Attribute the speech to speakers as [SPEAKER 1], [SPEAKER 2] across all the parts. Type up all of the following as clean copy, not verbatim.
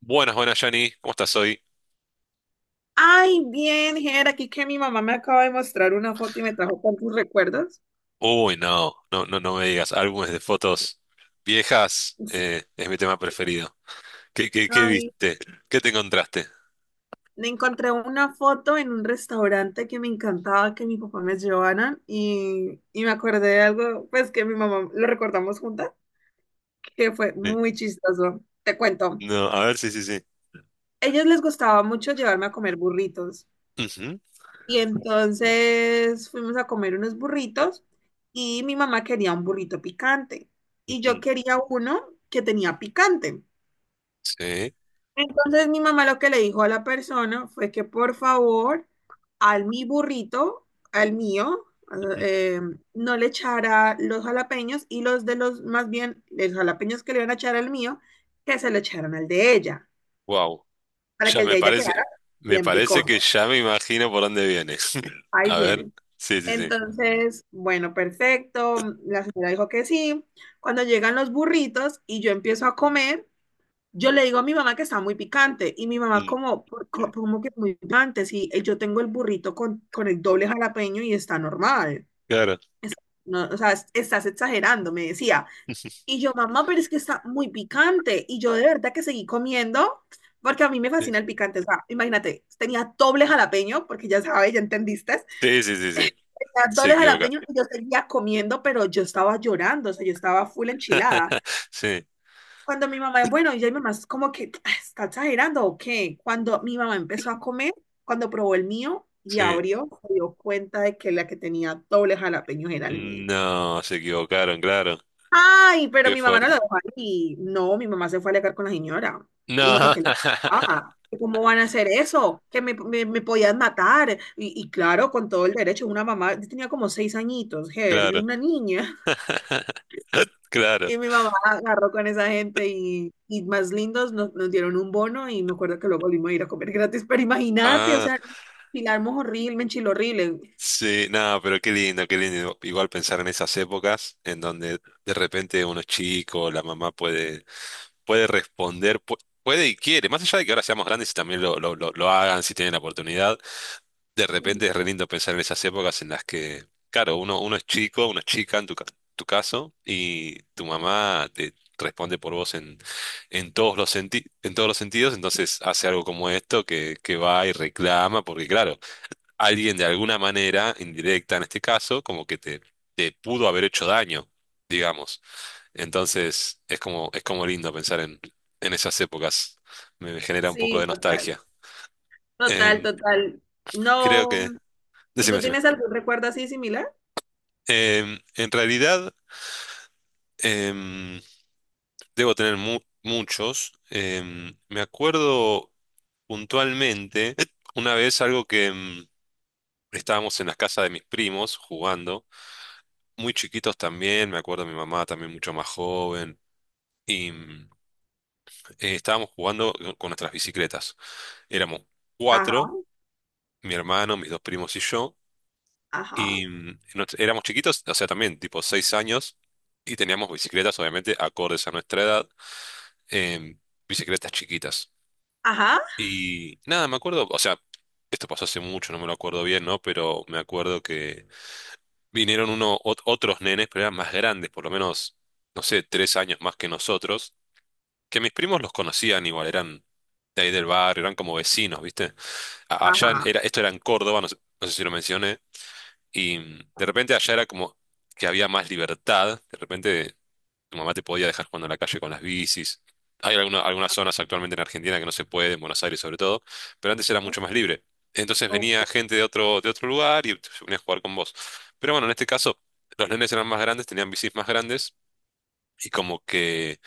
[SPEAKER 1] Buenas, buenas, Yanni. ¿Cómo estás hoy?
[SPEAKER 2] Ay, bien, Ger, aquí que mi mamá me acaba de mostrar una foto y me trajo tantos recuerdos.
[SPEAKER 1] Uy, no, no, no, no me digas. Álbumes de fotos viejas,
[SPEAKER 2] Sí.
[SPEAKER 1] es mi tema preferido. ¿Qué
[SPEAKER 2] Ay,
[SPEAKER 1] viste? ¿Qué te encontraste?
[SPEAKER 2] me encontré una foto en un restaurante que me encantaba que mi papá me llevaran y me acordé de algo, pues que mi mamá lo recordamos juntas, que fue
[SPEAKER 1] Sí.
[SPEAKER 2] muy chistoso. Te cuento,
[SPEAKER 1] No, a ver, sí, sí, sí.
[SPEAKER 2] ellos les gustaba mucho llevarme a comer burritos
[SPEAKER 1] Ujú,
[SPEAKER 2] y entonces fuimos a comer unos burritos y mi mamá quería un burrito picante y yo
[SPEAKER 1] ujú.
[SPEAKER 2] quería uno que tenía picante.
[SPEAKER 1] Sí.
[SPEAKER 2] Entonces mi mamá lo que le dijo a la persona fue que por favor al mi burrito, al mío, eh, no le echara los jalapeños y los de los, más bien, los jalapeños que le iban a echar al mío, que se lo echaran al de ella,
[SPEAKER 1] Wow.
[SPEAKER 2] para
[SPEAKER 1] Ya
[SPEAKER 2] que el de
[SPEAKER 1] me
[SPEAKER 2] ella
[SPEAKER 1] parece,
[SPEAKER 2] quedara
[SPEAKER 1] Me
[SPEAKER 2] bien
[SPEAKER 1] parece que
[SPEAKER 2] picoso.
[SPEAKER 1] ya me imagino por dónde viene.
[SPEAKER 2] Ahí
[SPEAKER 1] A ver,
[SPEAKER 2] vienen.
[SPEAKER 1] sí, sí, sí.
[SPEAKER 2] Entonces, bueno, perfecto. La señora dijo que sí. Cuando llegan los burritos y yo empiezo a comer, yo le digo a mi mamá que está muy picante y mi mamá
[SPEAKER 1] Mm,
[SPEAKER 2] como, "¿Cómo que muy picante? Si yo tengo el burrito con el doble jalapeño y está normal.
[SPEAKER 1] claro.
[SPEAKER 2] No, o sea, estás exagerando", me decía. Y yo, mamá, pero es que está muy picante. Y yo de verdad que seguí comiendo porque a mí me fascina el picante. O sea, imagínate, tenía doble jalapeño, porque ya sabes, ya entendiste.
[SPEAKER 1] Sí, sí, sí, sí, sí.
[SPEAKER 2] Tenía
[SPEAKER 1] Se
[SPEAKER 2] doble
[SPEAKER 1] equivoca.
[SPEAKER 2] jalapeño y yo seguía comiendo, pero yo estaba llorando, o sea, yo estaba full enchilada.
[SPEAKER 1] Sí,
[SPEAKER 2] Cuando mi mamá, bueno, ya mi mamá es como que "Ah, está exagerando o qué". Cuando mi mamá empezó a comer, cuando probó el mío y
[SPEAKER 1] sí.
[SPEAKER 2] abrió, se dio cuenta de que la que tenía doble jalapeño era el mío.
[SPEAKER 1] No, se equivocaron, claro.
[SPEAKER 2] Ay, pero
[SPEAKER 1] Qué
[SPEAKER 2] mi mamá no
[SPEAKER 1] fuerte.
[SPEAKER 2] lo dejó ahí. No, mi mamá se fue a alegar con la señora. Le dijo que
[SPEAKER 1] No,
[SPEAKER 2] qué le pasaba, que cómo van a hacer eso, que me podían matar. Y claro, con todo el derecho, una mamá, yo tenía como 6 añitos, Ger, yo
[SPEAKER 1] claro.
[SPEAKER 2] una niña.
[SPEAKER 1] Claro.
[SPEAKER 2] Y mi mamá agarró con esa gente y más lindos nos dieron un bono y me acuerdo que luego volvimos a ir a comer gratis, pero imagínate, o
[SPEAKER 1] Ah,
[SPEAKER 2] sea, enchilarmos horrible, me enchiló horrible.
[SPEAKER 1] sí, no, pero qué lindo, qué lindo. Igual pensar en esas épocas en donde de repente uno es chico, la mamá puede, responder, puede y quiere, más allá de que ahora seamos grandes y también lo hagan si tienen la oportunidad. De repente es re lindo pensar en esas épocas en las que, claro, uno es chico, una chica en tu caso, y tu mamá te responde por vos en, todos los sentidos, entonces hace algo como esto que va y reclama, porque claro, alguien de alguna manera, indirecta en este caso, como que te pudo haber hecho daño, digamos. Entonces es como, lindo pensar en esas épocas. Me genera un poco
[SPEAKER 2] Sí,
[SPEAKER 1] de
[SPEAKER 2] total,
[SPEAKER 1] nostalgia.
[SPEAKER 2] total,
[SPEAKER 1] Em,
[SPEAKER 2] total.
[SPEAKER 1] Creo
[SPEAKER 2] No,
[SPEAKER 1] que...
[SPEAKER 2] ¿y
[SPEAKER 1] Decime,
[SPEAKER 2] tú
[SPEAKER 1] decime.
[SPEAKER 2] tienes algún recuerdo así similar?
[SPEAKER 1] En realidad, em, debo tener muchos. Me acuerdo puntualmente una vez algo que, estábamos en la casa de mis primos jugando, muy chiquitos también. Me acuerdo, mi mamá también mucho más joven, y estábamos jugando con nuestras bicicletas. Éramos
[SPEAKER 2] Ajá,
[SPEAKER 1] cuatro, mi hermano, mis dos primos y yo,
[SPEAKER 2] ajá,
[SPEAKER 1] y éramos chiquitos, o sea, también tipo 6 años, y teníamos bicicletas, obviamente, acordes a nuestra edad. em, Bicicletas chiquitas.
[SPEAKER 2] ajá,
[SPEAKER 1] Y nada, me acuerdo, o sea, esto pasó hace mucho, no me lo acuerdo bien, ¿no? Pero me acuerdo que vinieron otros nenes, pero eran más grandes, por lo menos, no sé, 3 años más que nosotros, que mis primos los conocían igual, eran de ahí del barrio, eran como vecinos, ¿viste?
[SPEAKER 2] ajá,
[SPEAKER 1] Esto era en Córdoba, no sé, si lo mencioné, y de repente allá era como que había más libertad. De repente tu mamá te podía dejar jugando en la calle con las bicis. Hay algunas zonas actualmente en Argentina que no se puede, en Buenos Aires sobre todo, pero antes era mucho más
[SPEAKER 2] ok,
[SPEAKER 1] libre. Entonces
[SPEAKER 2] ok,
[SPEAKER 1] venía gente de otro lugar y se venía a jugar con vos. Pero bueno, en este caso, los nenes eran más grandes, tenían bicis más grandes, y como que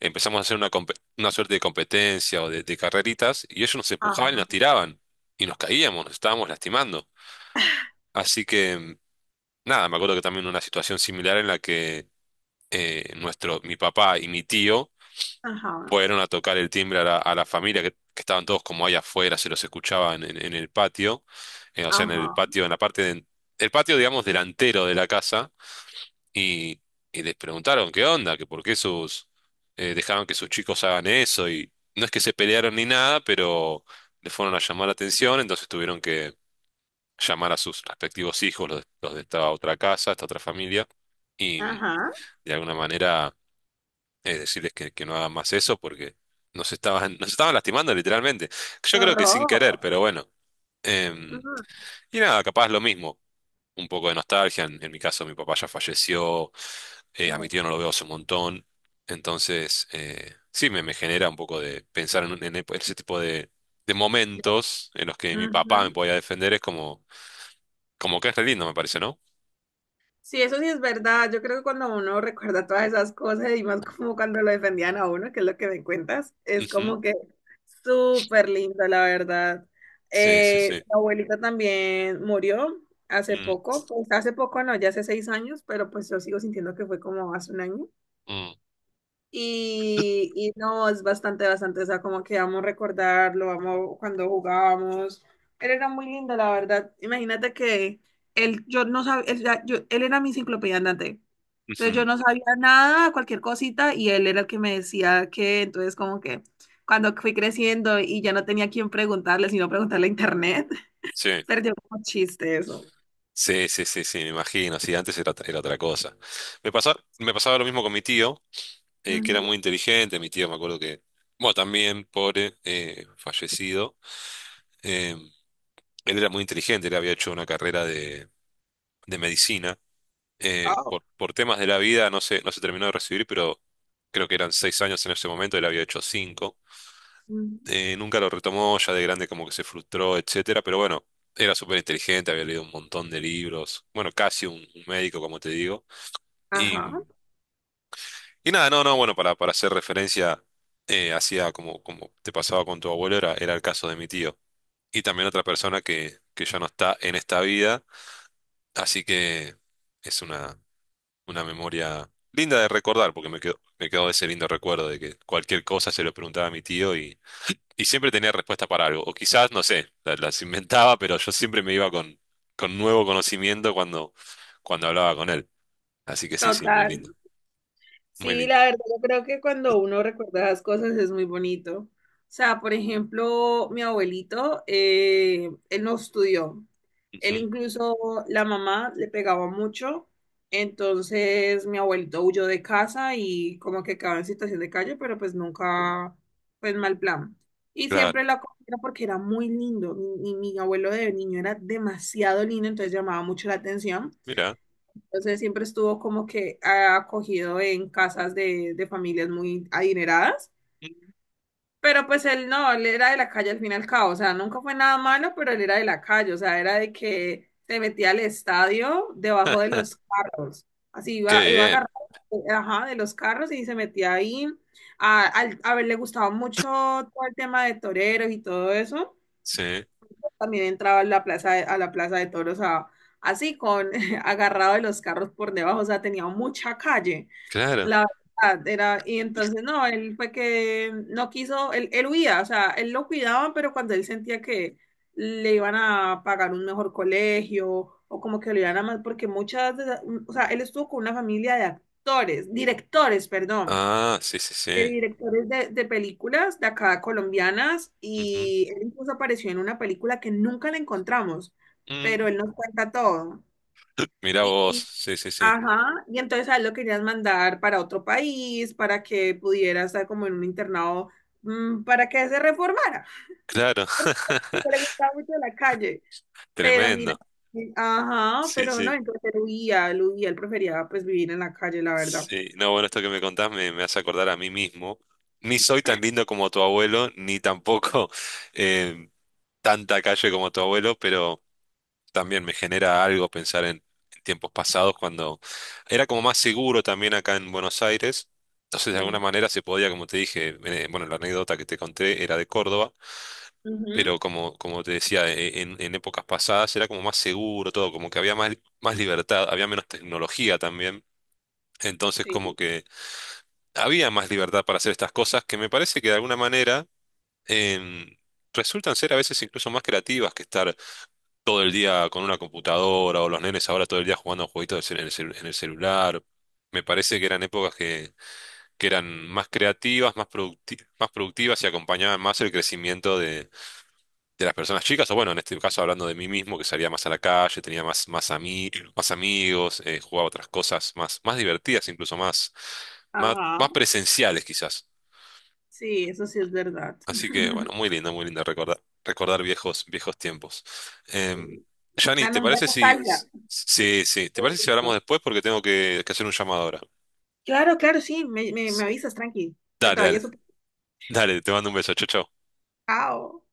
[SPEAKER 1] empezamos a hacer una suerte de competencia o de carreritas, y ellos nos empujaban y nos
[SPEAKER 2] ajá,
[SPEAKER 1] tiraban y nos caíamos, nos estábamos lastimando. Así que, nada, me acuerdo que también una situación similar en la que mi papá y mi tío
[SPEAKER 2] ajá,
[SPEAKER 1] fueron a tocar el timbre a la familia, que estaban todos como ahí afuera, se los escuchaban en, el patio, o sea, en el
[SPEAKER 2] ajá,
[SPEAKER 1] patio, en la parte de- el patio, digamos, delantero de la casa, y, y les preguntaron qué onda, que por qué dejaban que sus chicos hagan eso. Y no es que se pelearon ni nada, pero le fueron a llamar la atención. Entonces tuvieron que llamar a sus respectivos hijos, de los de esta otra casa, esta otra familia, y
[SPEAKER 2] ajá,
[SPEAKER 1] de alguna manera, decirles que, no hagan más eso, porque nos estaban, nos estaban lastimando literalmente.
[SPEAKER 2] qué
[SPEAKER 1] Yo creo que sin querer,
[SPEAKER 2] horror.
[SPEAKER 1] pero bueno. Em,
[SPEAKER 2] Ujú,
[SPEAKER 1] y nada, capaz lo mismo. Un poco de nostalgia. en, mi caso, mi papá ya falleció. A mi tío no lo veo hace un montón. Entonces, sí, me genera un poco de pensar en ese tipo de momentos en los que mi papá me
[SPEAKER 2] ujú.
[SPEAKER 1] podía defender. Es como, como que es re lindo, me parece, ¿no?
[SPEAKER 2] Sí, eso sí es verdad. Yo creo que cuando uno recuerda todas esas cosas y más como cuando lo defendían a uno, que es lo que me cuentas, es
[SPEAKER 1] Ujú.
[SPEAKER 2] como que súper lindo, la verdad.
[SPEAKER 1] Sí, sí, sí.
[SPEAKER 2] Mi abuelita también murió hace
[SPEAKER 1] Mm,
[SPEAKER 2] poco, pues hace poco no, ya hace 6 años, pero pues yo sigo sintiendo que fue como hace un año.
[SPEAKER 1] mm,
[SPEAKER 2] Y no, es bastante, bastante, o sea, como que vamos a recordarlo, vamos cuando jugábamos. Él era muy lindo, la verdad. Imagínate que él, yo no sabía, él, él era mi enciclopedia andante. Entonces
[SPEAKER 1] ujú.
[SPEAKER 2] yo no sabía nada, cualquier cosita, y él era el que me decía que, entonces como que cuando fui creciendo y ya no tenía a quién preguntarle, sino preguntarle a internet,
[SPEAKER 1] Sí.
[SPEAKER 2] perdió como chiste eso.
[SPEAKER 1] Sí, sí, sí, sí, me imagino. Sí, antes era otra cosa. Me pasaba lo mismo con mi tío, que era
[SPEAKER 2] Ujú.
[SPEAKER 1] muy inteligente. Mi tío, me acuerdo que, bueno, también pobre, fallecido. Eh, Él era muy inteligente, él había hecho una carrera de, medicina.
[SPEAKER 2] Oh.
[SPEAKER 1] Por temas de la vida no se terminó de recibir, pero creo que eran 6 años en ese momento, él había hecho cinco.
[SPEAKER 2] Ujú.
[SPEAKER 1] Nunca lo retomó, ya de grande como que se frustró, etcétera, pero bueno, era súper inteligente, había leído un montón de libros. Bueno, casi un médico, como te digo.
[SPEAKER 2] Ajá,
[SPEAKER 1] Y, y, nada, no, no, bueno, para hacer referencia, hacía como te pasaba con tu abuelo, era, el caso de mi tío. Y también otra persona que ya no está en esta vida, así que es una, memoria linda de recordar, porque me quedó ese lindo recuerdo de que cualquier cosa se lo preguntaba a mi tío, y siempre tenía respuesta para algo. O quizás, no sé, las inventaba, pero yo siempre me iba con, nuevo conocimiento cuando hablaba con él. Así que sí, sí, muy
[SPEAKER 2] total.
[SPEAKER 1] lindo, muy
[SPEAKER 2] Sí,
[SPEAKER 1] lindo.
[SPEAKER 2] la verdad, yo creo que cuando uno recuerda las cosas es muy bonito. O sea, por ejemplo, mi abuelito, él no estudió.
[SPEAKER 1] Ujú,
[SPEAKER 2] Él incluso, la mamá le pegaba mucho. Entonces, mi abuelito huyó de casa y como que quedaba en situación de calle, pero pues nunca, pues mal plan. Y
[SPEAKER 1] claro,
[SPEAKER 2] siempre la acogía porque era muy lindo. Mi abuelo de niño era demasiado lindo, entonces llamaba mucho la atención.
[SPEAKER 1] mira.
[SPEAKER 2] Entonces siempre estuvo como que ah, acogido en casas de familias muy adineradas,
[SPEAKER 1] Mm,
[SPEAKER 2] pero pues él no, él era de la calle al fin y al cabo, o sea, nunca fue nada malo, pero él era de la calle, o sea, era de que se metía al estadio debajo de los carros, así
[SPEAKER 1] qué
[SPEAKER 2] iba, iba
[SPEAKER 1] bien,
[SPEAKER 2] agarrado, ajá, de los carros y se metía ahí. A ver, le gustaba mucho todo el tema de toreros y todo eso
[SPEAKER 1] sí,
[SPEAKER 2] también entraba a la plaza de toros a- así, con agarrado de los carros por debajo, o sea, tenía mucha calle.
[SPEAKER 1] claro.
[SPEAKER 2] La verdad era, y entonces no, él fue que no quiso, él huía, o sea, él lo cuidaba, pero cuando él sentía que le iban a pagar un mejor colegio o como que lo iban a más, porque muchas, de esas- o sea, él estuvo con una familia de actores, directores, perdón,
[SPEAKER 1] Ah, sí, sí,
[SPEAKER 2] de
[SPEAKER 1] sí.
[SPEAKER 2] directores de películas de acá colombianas
[SPEAKER 1] Ujú.
[SPEAKER 2] y él incluso apareció en una película que nunca le encontramos, pero
[SPEAKER 1] Mm.
[SPEAKER 2] él nos cuenta todo.
[SPEAKER 1] Mirá
[SPEAKER 2] Y,
[SPEAKER 1] vos,
[SPEAKER 2] y-
[SPEAKER 1] sí, sí, sí.
[SPEAKER 2] ajá, y entonces a él lo querías mandar para otro país, para que pudiera estar como en un internado, mm, para que se reformara,
[SPEAKER 1] Claro,
[SPEAKER 2] porque le gustaba mucho la calle. Pero mira,
[SPEAKER 1] tremendo.
[SPEAKER 2] ajá,
[SPEAKER 1] Sí,
[SPEAKER 2] pero no,
[SPEAKER 1] sí,
[SPEAKER 2] entonces él huía, él, huía, él prefería pues vivir en la calle, la verdad.
[SPEAKER 1] sí. No, bueno, esto que me contás me hace acordar a mí mismo. Ni soy tan lindo como tu abuelo, ni tampoco eh, tanta calle como tu abuelo, pero... también me genera algo pensar en, tiempos pasados cuando era como más seguro también acá en Buenos Aires. Entonces, de alguna
[SPEAKER 2] Sí.
[SPEAKER 1] manera se podía, como te dije, bueno, la anécdota que te conté era de Córdoba,
[SPEAKER 2] Ujú,
[SPEAKER 1] pero como, te decía, en épocas pasadas era como más seguro todo, como que había más libertad, había menos tecnología también. Entonces,
[SPEAKER 2] sí,
[SPEAKER 1] como que había más libertad para hacer estas cosas que me parece que de alguna manera em, resultan ser a veces incluso más creativas que estar todo el día con una computadora, o los nenes ahora todo el día jugando a jueguitos del cel- en el celular. Me parece que eran épocas que, eran más creativas, más productivas, y acompañaban más el crecimiento de las personas chicas. O bueno, en este caso hablando de mí mismo, que salía más a la calle, tenía más amigos, jugaba otras cosas más, más, divertidas, incluso más
[SPEAKER 2] ajá.
[SPEAKER 1] presenciales quizás.
[SPEAKER 2] Sí, eso sí es verdad.
[SPEAKER 1] Así que, bueno, muy lindo recordar viejos, viejos tiempos. Em, Johnny,
[SPEAKER 2] Da,
[SPEAKER 1] ¿te
[SPEAKER 2] da
[SPEAKER 1] parece si,
[SPEAKER 2] nostalgia.
[SPEAKER 1] sí, sí, ¿te parece si hablamos después? Porque tengo que, hacer un llamado ahora.
[SPEAKER 2] Claro, claro, sí, me avisas, tranqui, que
[SPEAKER 1] Dale,
[SPEAKER 2] te
[SPEAKER 1] dale,
[SPEAKER 2] vayas. Súper.
[SPEAKER 1] dale, te mando un beso, chau, chau.
[SPEAKER 2] Chao.